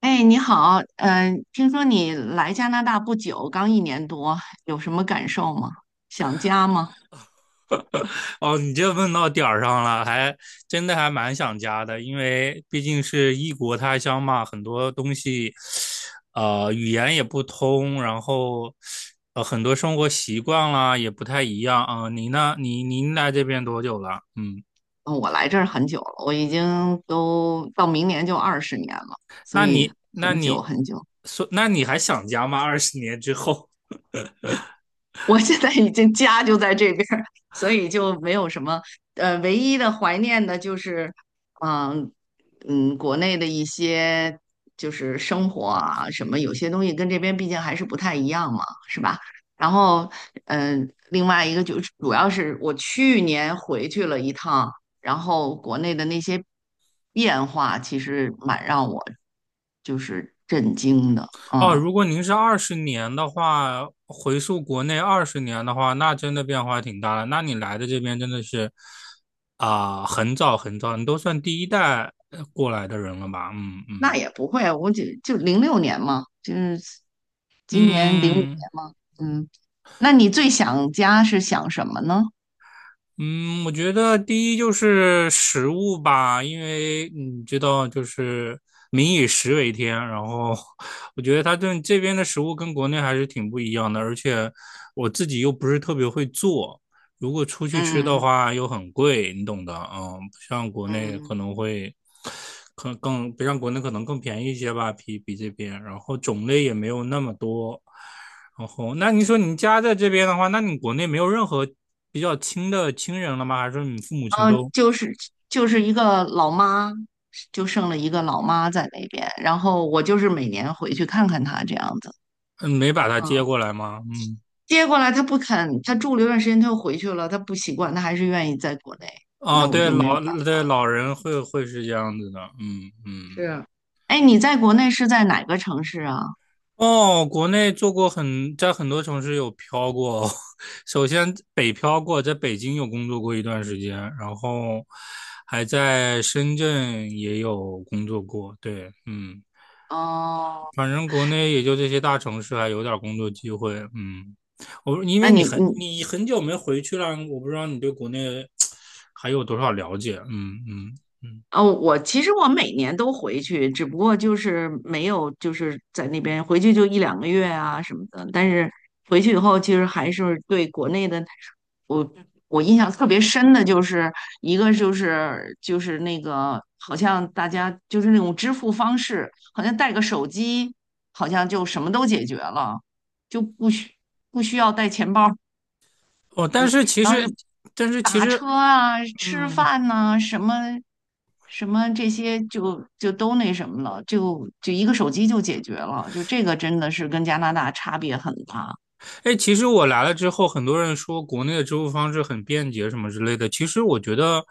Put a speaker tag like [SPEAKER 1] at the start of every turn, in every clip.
[SPEAKER 1] 哎，你好，听说你来加拿大不久，刚1年多，有什么感受吗？想家吗？
[SPEAKER 2] 哦，你这问到点儿上了，还真的还蛮想家的，因为毕竟是异国他乡嘛，很多东西，语言也不通，然后很多生活习惯啦也不太一样啊。你呢？你您来这边多久了？嗯，
[SPEAKER 1] 嗯我来这儿很久了，我已经都到明年就二十年了，所
[SPEAKER 2] 那
[SPEAKER 1] 以
[SPEAKER 2] 你那
[SPEAKER 1] 很久
[SPEAKER 2] 你
[SPEAKER 1] 很久。
[SPEAKER 2] 说，那你还想家吗？二十年之后？
[SPEAKER 1] 我现在已经家就在这边儿，所以就没有什么唯一的怀念的就是，嗯、国内的一些就是生活啊什么，有些东西跟这边毕竟还是不太一样嘛，是吧？然后另外一个就是主要是我去年回去了一趟，然后国内的那些变化其实蛮让我就是震惊的，
[SPEAKER 2] 哦，
[SPEAKER 1] 嗯。
[SPEAKER 2] 如果您是二十年的话，回溯国内二十年的话，那真的变化挺大的。那你来的这边真的是啊、很早很早，你都算第一代过来的人了吧？嗯
[SPEAKER 1] 那
[SPEAKER 2] 嗯
[SPEAKER 1] 也不会啊，我就06年嘛，就是今年05年
[SPEAKER 2] 嗯。
[SPEAKER 1] 嘛，嗯，那你最想家是想什么呢？
[SPEAKER 2] 嗯，我觉得第一就是食物吧，因为你知道，就是民以食为天。然后，我觉得它这边的食物跟国内还是挺不一样的，而且我自己又不是特别会做，如果出去吃的
[SPEAKER 1] 嗯
[SPEAKER 2] 话又很贵，你懂的。嗯，不像国内
[SPEAKER 1] 嗯，
[SPEAKER 2] 可能会，可能更不像国内可能更便宜一些吧，比这边。然后种类也没有那么多。然后，那你说你家在这边的话，那你国内没有任何比较亲的亲人了吗？还是你父母亲
[SPEAKER 1] 嗯，
[SPEAKER 2] 都
[SPEAKER 1] 就是就是一个老妈，就剩了一个老妈在那边，然后我就是每年回去看看她这样子。
[SPEAKER 2] 嗯没把他接过来吗？嗯，
[SPEAKER 1] 接过来她不肯，她住了一段时间，她又回去了，她不习惯，她还是愿意在国内，
[SPEAKER 2] 哦，
[SPEAKER 1] 那我
[SPEAKER 2] 对，
[SPEAKER 1] 就没有办法。
[SPEAKER 2] 老人会是这样子的，嗯嗯。
[SPEAKER 1] 是。哎，你在国内是在哪个城市啊？
[SPEAKER 2] 哦，国内做过很，在很多城市有漂过。首先北漂过，在北京有工作过一段时间，然后还在深圳也有工作过。对，嗯。
[SPEAKER 1] 哦，
[SPEAKER 2] 反正国内也就这些大城市还有点工作机会，嗯，我因
[SPEAKER 1] 那
[SPEAKER 2] 为你
[SPEAKER 1] 你
[SPEAKER 2] 很
[SPEAKER 1] 你
[SPEAKER 2] 你很久没回去了，我不知道你对国内还有多少了解，嗯嗯嗯，
[SPEAKER 1] 哦，我其实每年都回去，只不过就是没有就是在那边回去就一两个月啊什么的。但是回去以后，其实还是对国内的，我我印象特别深的就是一个就是那个好像大家就是那种支付方式，好像带个手机，好像就什么都解决了，就不需要带钱包
[SPEAKER 2] 哦，但是其
[SPEAKER 1] 然后是
[SPEAKER 2] 实但是其
[SPEAKER 1] 打
[SPEAKER 2] 实，
[SPEAKER 1] 车啊、吃
[SPEAKER 2] 嗯，
[SPEAKER 1] 饭呐、什么什么这些就都那什么了，就一个手机就解决了，就这个真的是跟加拿大差别很大。
[SPEAKER 2] 哎，其实我来了之后，很多人说国内的支付方式很便捷什么之类的。其实我觉得，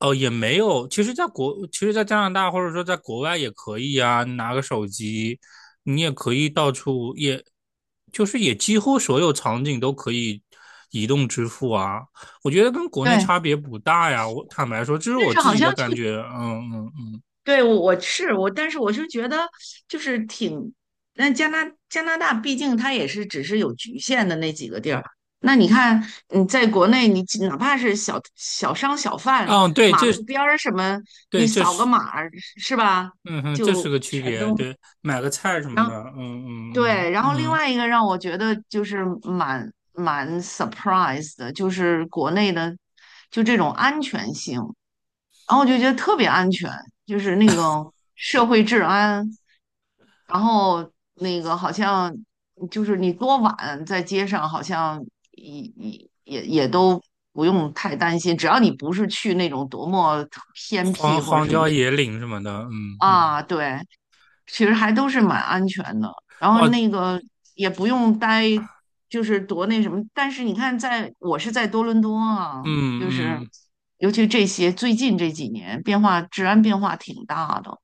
[SPEAKER 2] 哦，也没有。其实，其实，在加拿大或者说在国外也可以啊，你拿个手机，你也可以到处，也就是几乎所有场景都可以移动支付啊。我觉得跟国内
[SPEAKER 1] 对，
[SPEAKER 2] 差别不大呀。我坦白说，这是
[SPEAKER 1] 但
[SPEAKER 2] 我
[SPEAKER 1] 是
[SPEAKER 2] 自
[SPEAKER 1] 好
[SPEAKER 2] 己
[SPEAKER 1] 像
[SPEAKER 2] 的
[SPEAKER 1] 就
[SPEAKER 2] 感觉。嗯嗯
[SPEAKER 1] 对，我是我，但是我就觉得就是挺，那加拿大毕竟它也是只是有局限的那几个地儿。那你看你在国内，你只哪怕是小商小贩，
[SPEAKER 2] 嗯，嗯，对，
[SPEAKER 1] 马
[SPEAKER 2] 这是
[SPEAKER 1] 路边儿什么，你
[SPEAKER 2] 对，这
[SPEAKER 1] 扫个
[SPEAKER 2] 是，
[SPEAKER 1] 码儿是吧，
[SPEAKER 2] 嗯哼，这是
[SPEAKER 1] 就
[SPEAKER 2] 个区
[SPEAKER 1] 全
[SPEAKER 2] 别。
[SPEAKER 1] 都
[SPEAKER 2] 对，买个菜什么
[SPEAKER 1] 然
[SPEAKER 2] 的，
[SPEAKER 1] 后
[SPEAKER 2] 嗯嗯
[SPEAKER 1] 对。然后另
[SPEAKER 2] 嗯嗯。
[SPEAKER 1] 外一个让我觉得就是蛮 surprise 的，就是国内的就这种安全性。然后我就觉得特别安全，就是那个社会治安，然后那个好像就是你多晚在街上，好像也都不用太担心，只要你不是去那种多么偏僻
[SPEAKER 2] 荒
[SPEAKER 1] 或者
[SPEAKER 2] 荒
[SPEAKER 1] 什么
[SPEAKER 2] 郊
[SPEAKER 1] 那种。
[SPEAKER 2] 野岭什么的，嗯嗯，
[SPEAKER 1] 啊，对，其实还都是蛮安全的。然后
[SPEAKER 2] 哦，
[SPEAKER 1] 那个也不用待，就是多那什么。但是你看在，我是在多伦多啊，
[SPEAKER 2] 嗯
[SPEAKER 1] 就是
[SPEAKER 2] 嗯，
[SPEAKER 1] 尤其这些最近这几年变化，治安变化挺大的。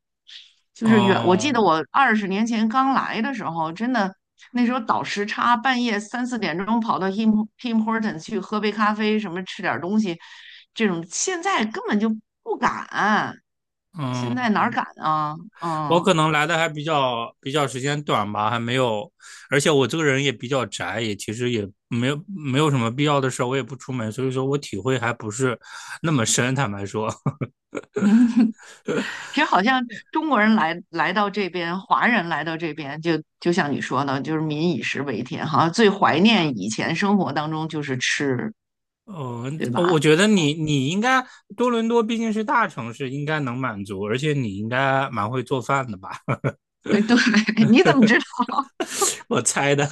[SPEAKER 1] 就是远，我记
[SPEAKER 2] 哦，
[SPEAKER 1] 得我20年前刚来的时候，真的那时候倒时差，半夜3、4点钟跑到 Tim Horton 去喝杯咖啡，什么吃点东西，这种现在根本就不敢，现在哪儿
[SPEAKER 2] 嗯，
[SPEAKER 1] 敢啊？
[SPEAKER 2] 我
[SPEAKER 1] 嗯
[SPEAKER 2] 可能来的还比较时间短吧，还没有，而且我这个人也比较宅，也其实也没有什么必要的事儿，我也不出门，所以说我体会还不是那么深，坦白说，
[SPEAKER 1] 嗯。这好像中国人来到这边，华人来到这边，就像你说的，就是民以食为天好像最怀念以前生活当中就是吃，
[SPEAKER 2] 嗯，
[SPEAKER 1] 对吧？
[SPEAKER 2] 我觉得
[SPEAKER 1] 嗯。
[SPEAKER 2] 你应该多伦多毕竟是大城市，应该能满足，而且你应该蛮会做饭的吧，
[SPEAKER 1] 对，你怎么知
[SPEAKER 2] 我猜的，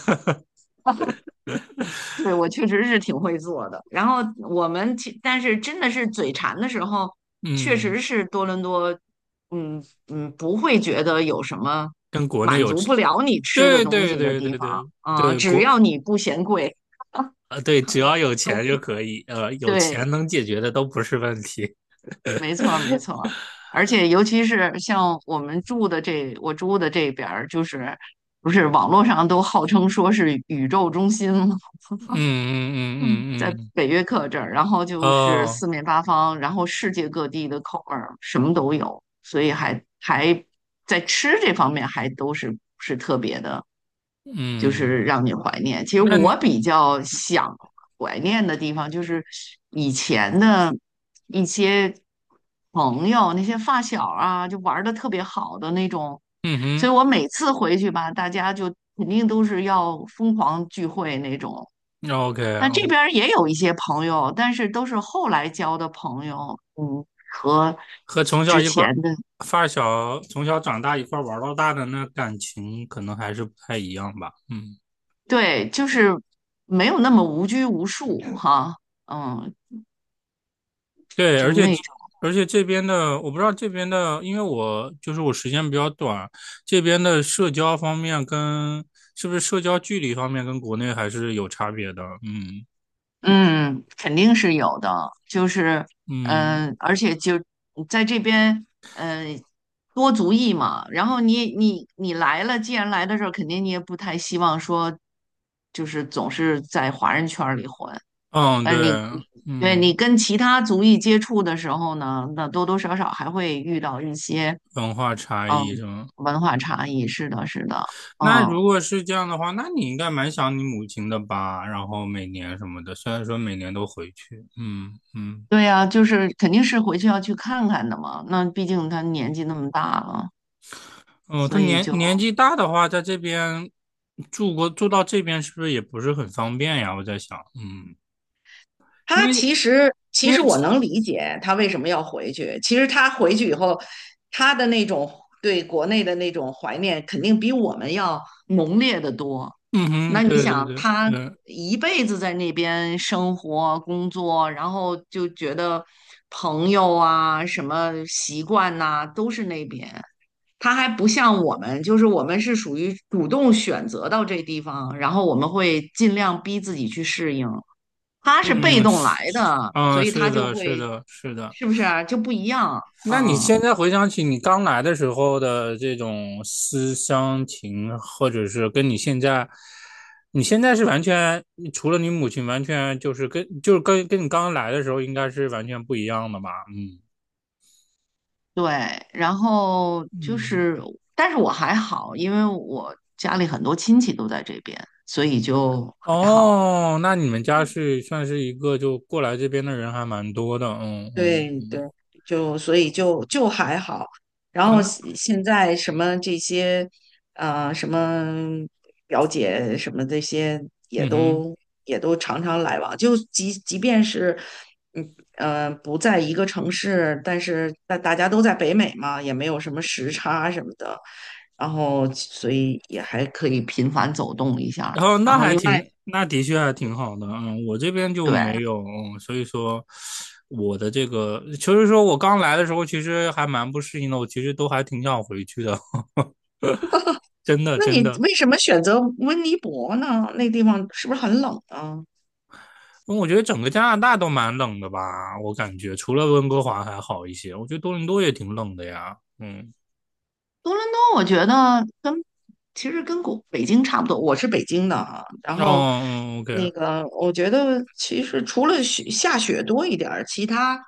[SPEAKER 1] 对，我确实是挺会做的。然后我们其，但是真的是嘴馋的时候，确
[SPEAKER 2] 嗯，
[SPEAKER 1] 实是多伦多，嗯不会觉得有什么
[SPEAKER 2] 跟国内
[SPEAKER 1] 满
[SPEAKER 2] 有
[SPEAKER 1] 足不了你吃的
[SPEAKER 2] 对
[SPEAKER 1] 东西
[SPEAKER 2] 对
[SPEAKER 1] 的
[SPEAKER 2] 对
[SPEAKER 1] 地
[SPEAKER 2] 对
[SPEAKER 1] 方
[SPEAKER 2] 对
[SPEAKER 1] 啊，
[SPEAKER 2] 对，
[SPEAKER 1] 只
[SPEAKER 2] 国
[SPEAKER 1] 要你不嫌贵，
[SPEAKER 2] 啊，对，只要有
[SPEAKER 1] 都
[SPEAKER 2] 钱
[SPEAKER 1] 可
[SPEAKER 2] 就可以，有
[SPEAKER 1] 对，
[SPEAKER 2] 钱能解决的都不是问题。
[SPEAKER 1] 没错儿没错儿。而且尤其是像我住的这边儿，就是不是网络上都号称说是宇宙中心吗？
[SPEAKER 2] 嗯嗯
[SPEAKER 1] 嗯，
[SPEAKER 2] 嗯
[SPEAKER 1] 在
[SPEAKER 2] 嗯嗯，
[SPEAKER 1] 北约克这儿，然后就是
[SPEAKER 2] 哦，
[SPEAKER 1] 四面八方，然后世界各地的口味儿什么都有，所以还在吃这方面还都是特别的，就
[SPEAKER 2] 嗯，
[SPEAKER 1] 是让你怀念。其实
[SPEAKER 2] 那你，
[SPEAKER 1] 我比较想怀念的地方就是以前的一些朋友，那些发小啊，就玩的特别好的那种，
[SPEAKER 2] 嗯
[SPEAKER 1] 所
[SPEAKER 2] 哼
[SPEAKER 1] 以我每次回去吧，大家就肯定都是要疯狂聚会那种。
[SPEAKER 2] ，OK，那，OK，
[SPEAKER 1] 那这
[SPEAKER 2] 哦，
[SPEAKER 1] 边儿也有一些朋友，但是都是后来交的朋友，和
[SPEAKER 2] 和从小
[SPEAKER 1] 之
[SPEAKER 2] 一块儿
[SPEAKER 1] 前的，
[SPEAKER 2] 发小，从小长大一块儿玩儿到大的那感情，可能还是不太一样吧。嗯。
[SPEAKER 1] 对，就是没有那么无拘无束哈，嗯，
[SPEAKER 2] 对，
[SPEAKER 1] 就那种，
[SPEAKER 2] 而且这边的，我不知道这边的，因为我就是我时间比较短，这边的社交方面跟是不是社交距离方面跟国内还是有差别的，嗯
[SPEAKER 1] 嗯，肯定是有的，就是，
[SPEAKER 2] 嗯
[SPEAKER 1] 而且就在这边，嗯，多族裔嘛，然后你来了，既然来的时候，肯定你也不太希望说，就是总是在华人圈儿里混。
[SPEAKER 2] 嗯，
[SPEAKER 1] 呃，
[SPEAKER 2] 对，
[SPEAKER 1] 你你对你
[SPEAKER 2] 嗯，
[SPEAKER 1] 跟其他族裔接触的时候呢，那多多少少还会遇到一些
[SPEAKER 2] 文化差
[SPEAKER 1] 嗯
[SPEAKER 2] 异是吗？
[SPEAKER 1] 文化差异。是的，是的。
[SPEAKER 2] 那
[SPEAKER 1] 嗯。
[SPEAKER 2] 如果是这样的话，那你应该蛮想你母亲的吧？然后每年什么的，虽然说每年都回去，嗯嗯。
[SPEAKER 1] 对呀，就是肯定是回去要去看看的嘛。那毕竟他年纪那么大了，
[SPEAKER 2] 哦，他
[SPEAKER 1] 所以
[SPEAKER 2] 年
[SPEAKER 1] 就
[SPEAKER 2] 年纪大的话，在这边住到这边是不是也不是很方便呀？我在想，嗯，因
[SPEAKER 1] 他
[SPEAKER 2] 为
[SPEAKER 1] 其实，其
[SPEAKER 2] 因为
[SPEAKER 1] 实我能理解他为什么要回去。其实他回去以后，他的那种对国内的那种怀念，肯定比我们要浓烈的多。
[SPEAKER 2] 嗯哼，
[SPEAKER 1] 那你
[SPEAKER 2] 对对
[SPEAKER 1] 想，
[SPEAKER 2] 对
[SPEAKER 1] 他
[SPEAKER 2] 对，
[SPEAKER 1] 一辈子在那边生活、工作，然后就觉得朋友啊、什么习惯呐、都是那边。他还不像我们，就是我们是属于主动选择到这地方，然后我们会尽量逼自己去适应。他是被
[SPEAKER 2] 嗯
[SPEAKER 1] 动
[SPEAKER 2] 是
[SPEAKER 1] 来
[SPEAKER 2] 是
[SPEAKER 1] 的，
[SPEAKER 2] 啊，
[SPEAKER 1] 所以他
[SPEAKER 2] 是
[SPEAKER 1] 就
[SPEAKER 2] 的，是
[SPEAKER 1] 会，
[SPEAKER 2] 的，是的。
[SPEAKER 1] 是不是啊就不一样？
[SPEAKER 2] 那你
[SPEAKER 1] 嗯，
[SPEAKER 2] 现在回想起你刚来的时候的这种思乡情，或者是跟你现在，你现在是完全除了你母亲，完全就是跟你刚来的时候应该是完全不一样的吧？
[SPEAKER 1] 对。然后就
[SPEAKER 2] 嗯
[SPEAKER 1] 是，但是我还好，因为我家里很多亲戚都在这边，所以就还好。
[SPEAKER 2] 哦，那你们家
[SPEAKER 1] 嗯。
[SPEAKER 2] 是算是一个就过来这边的人还蛮多的，嗯嗯
[SPEAKER 1] 对对，
[SPEAKER 2] 嗯，
[SPEAKER 1] 就所以就还好。然
[SPEAKER 2] 啊
[SPEAKER 1] 后
[SPEAKER 2] 那
[SPEAKER 1] 现在什么这些，什么表姐什么这些也
[SPEAKER 2] 嗯哼，
[SPEAKER 1] 都也都常常来往。就即便是，不在一个城市，但是大家都在北美嘛，也没有什么时差什么的，然后所以也还可以频繁走动一下儿
[SPEAKER 2] 然后
[SPEAKER 1] 然
[SPEAKER 2] 那
[SPEAKER 1] 后
[SPEAKER 2] 还
[SPEAKER 1] 另外，
[SPEAKER 2] 挺，那的确还挺好的，嗯，我这边就
[SPEAKER 1] 对。
[SPEAKER 2] 没有，嗯所以说我的这个就是说我刚来的时候其实还蛮不适应的，我其实都还挺想回去的，真的
[SPEAKER 1] 那
[SPEAKER 2] 真
[SPEAKER 1] 你
[SPEAKER 2] 的，
[SPEAKER 1] 为什么选择温尼伯呢？那地方是不是很冷呢？
[SPEAKER 2] 因为我觉得整个加拿大都蛮冷的吧，我感觉除了温哥华还好一些，我觉得多伦多也挺冷的呀，嗯，
[SPEAKER 1] 多伦多，我觉得其实跟北京差不多。我是北京的啊，然后
[SPEAKER 2] 哦嗯嗯
[SPEAKER 1] 那
[SPEAKER 2] ，OK。
[SPEAKER 1] 个我觉得其实除了下雪多一点儿，其他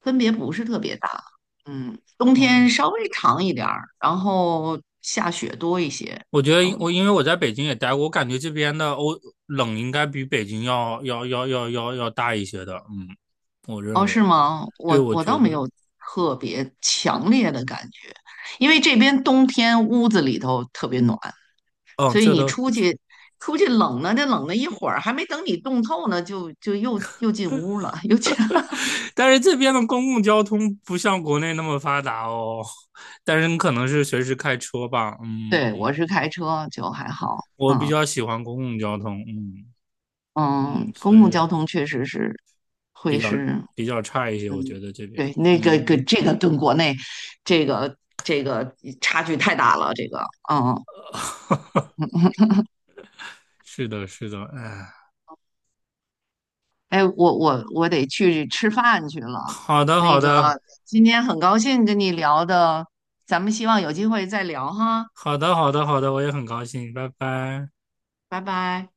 [SPEAKER 1] 分别不是特别大。冬天
[SPEAKER 2] 嗯。
[SPEAKER 1] 稍微长一点儿，然后下雪多一些。
[SPEAKER 2] 我觉得
[SPEAKER 1] 然后
[SPEAKER 2] 因为我在北京也待过，我感觉这边的欧冷应该比北京要大一些的，嗯，我认
[SPEAKER 1] 哦，
[SPEAKER 2] 为，
[SPEAKER 1] 是吗？
[SPEAKER 2] 对，
[SPEAKER 1] 我
[SPEAKER 2] 我
[SPEAKER 1] 我倒
[SPEAKER 2] 觉
[SPEAKER 1] 没
[SPEAKER 2] 得，
[SPEAKER 1] 有特别强烈的感觉，因为这边冬天屋子里头特别暖。
[SPEAKER 2] 嗯，
[SPEAKER 1] 所以
[SPEAKER 2] 这
[SPEAKER 1] 你
[SPEAKER 2] 都，
[SPEAKER 1] 出去冷呢，这冷了一会儿，还没等你冻透呢，就又进屋了，又进。
[SPEAKER 2] 但是这边的公共交通不像国内那么发达哦，但是你可能是随时开车吧，嗯，
[SPEAKER 1] 对，
[SPEAKER 2] 嗯
[SPEAKER 1] 我是开车，就还好。
[SPEAKER 2] 我比
[SPEAKER 1] 嗯
[SPEAKER 2] 较喜欢公共交通，嗯嗯，
[SPEAKER 1] 嗯，
[SPEAKER 2] 所
[SPEAKER 1] 公共
[SPEAKER 2] 以
[SPEAKER 1] 交通确实是
[SPEAKER 2] 比
[SPEAKER 1] 会
[SPEAKER 2] 较
[SPEAKER 1] 是，
[SPEAKER 2] 比较差一些，我
[SPEAKER 1] 嗯，
[SPEAKER 2] 觉得这边，
[SPEAKER 1] 对，那个跟
[SPEAKER 2] 嗯，
[SPEAKER 1] 这个跟国内这个这个差距太大了，这个嗯，
[SPEAKER 2] 是的，是的，哎，
[SPEAKER 1] 哎，我得去吃饭去了。
[SPEAKER 2] 好的，
[SPEAKER 1] 那
[SPEAKER 2] 好的，
[SPEAKER 1] 个今天很高兴跟你聊的，咱们希望有机会再聊哈，
[SPEAKER 2] 好的，好的，好的，我也很高兴，拜拜。
[SPEAKER 1] 拜拜。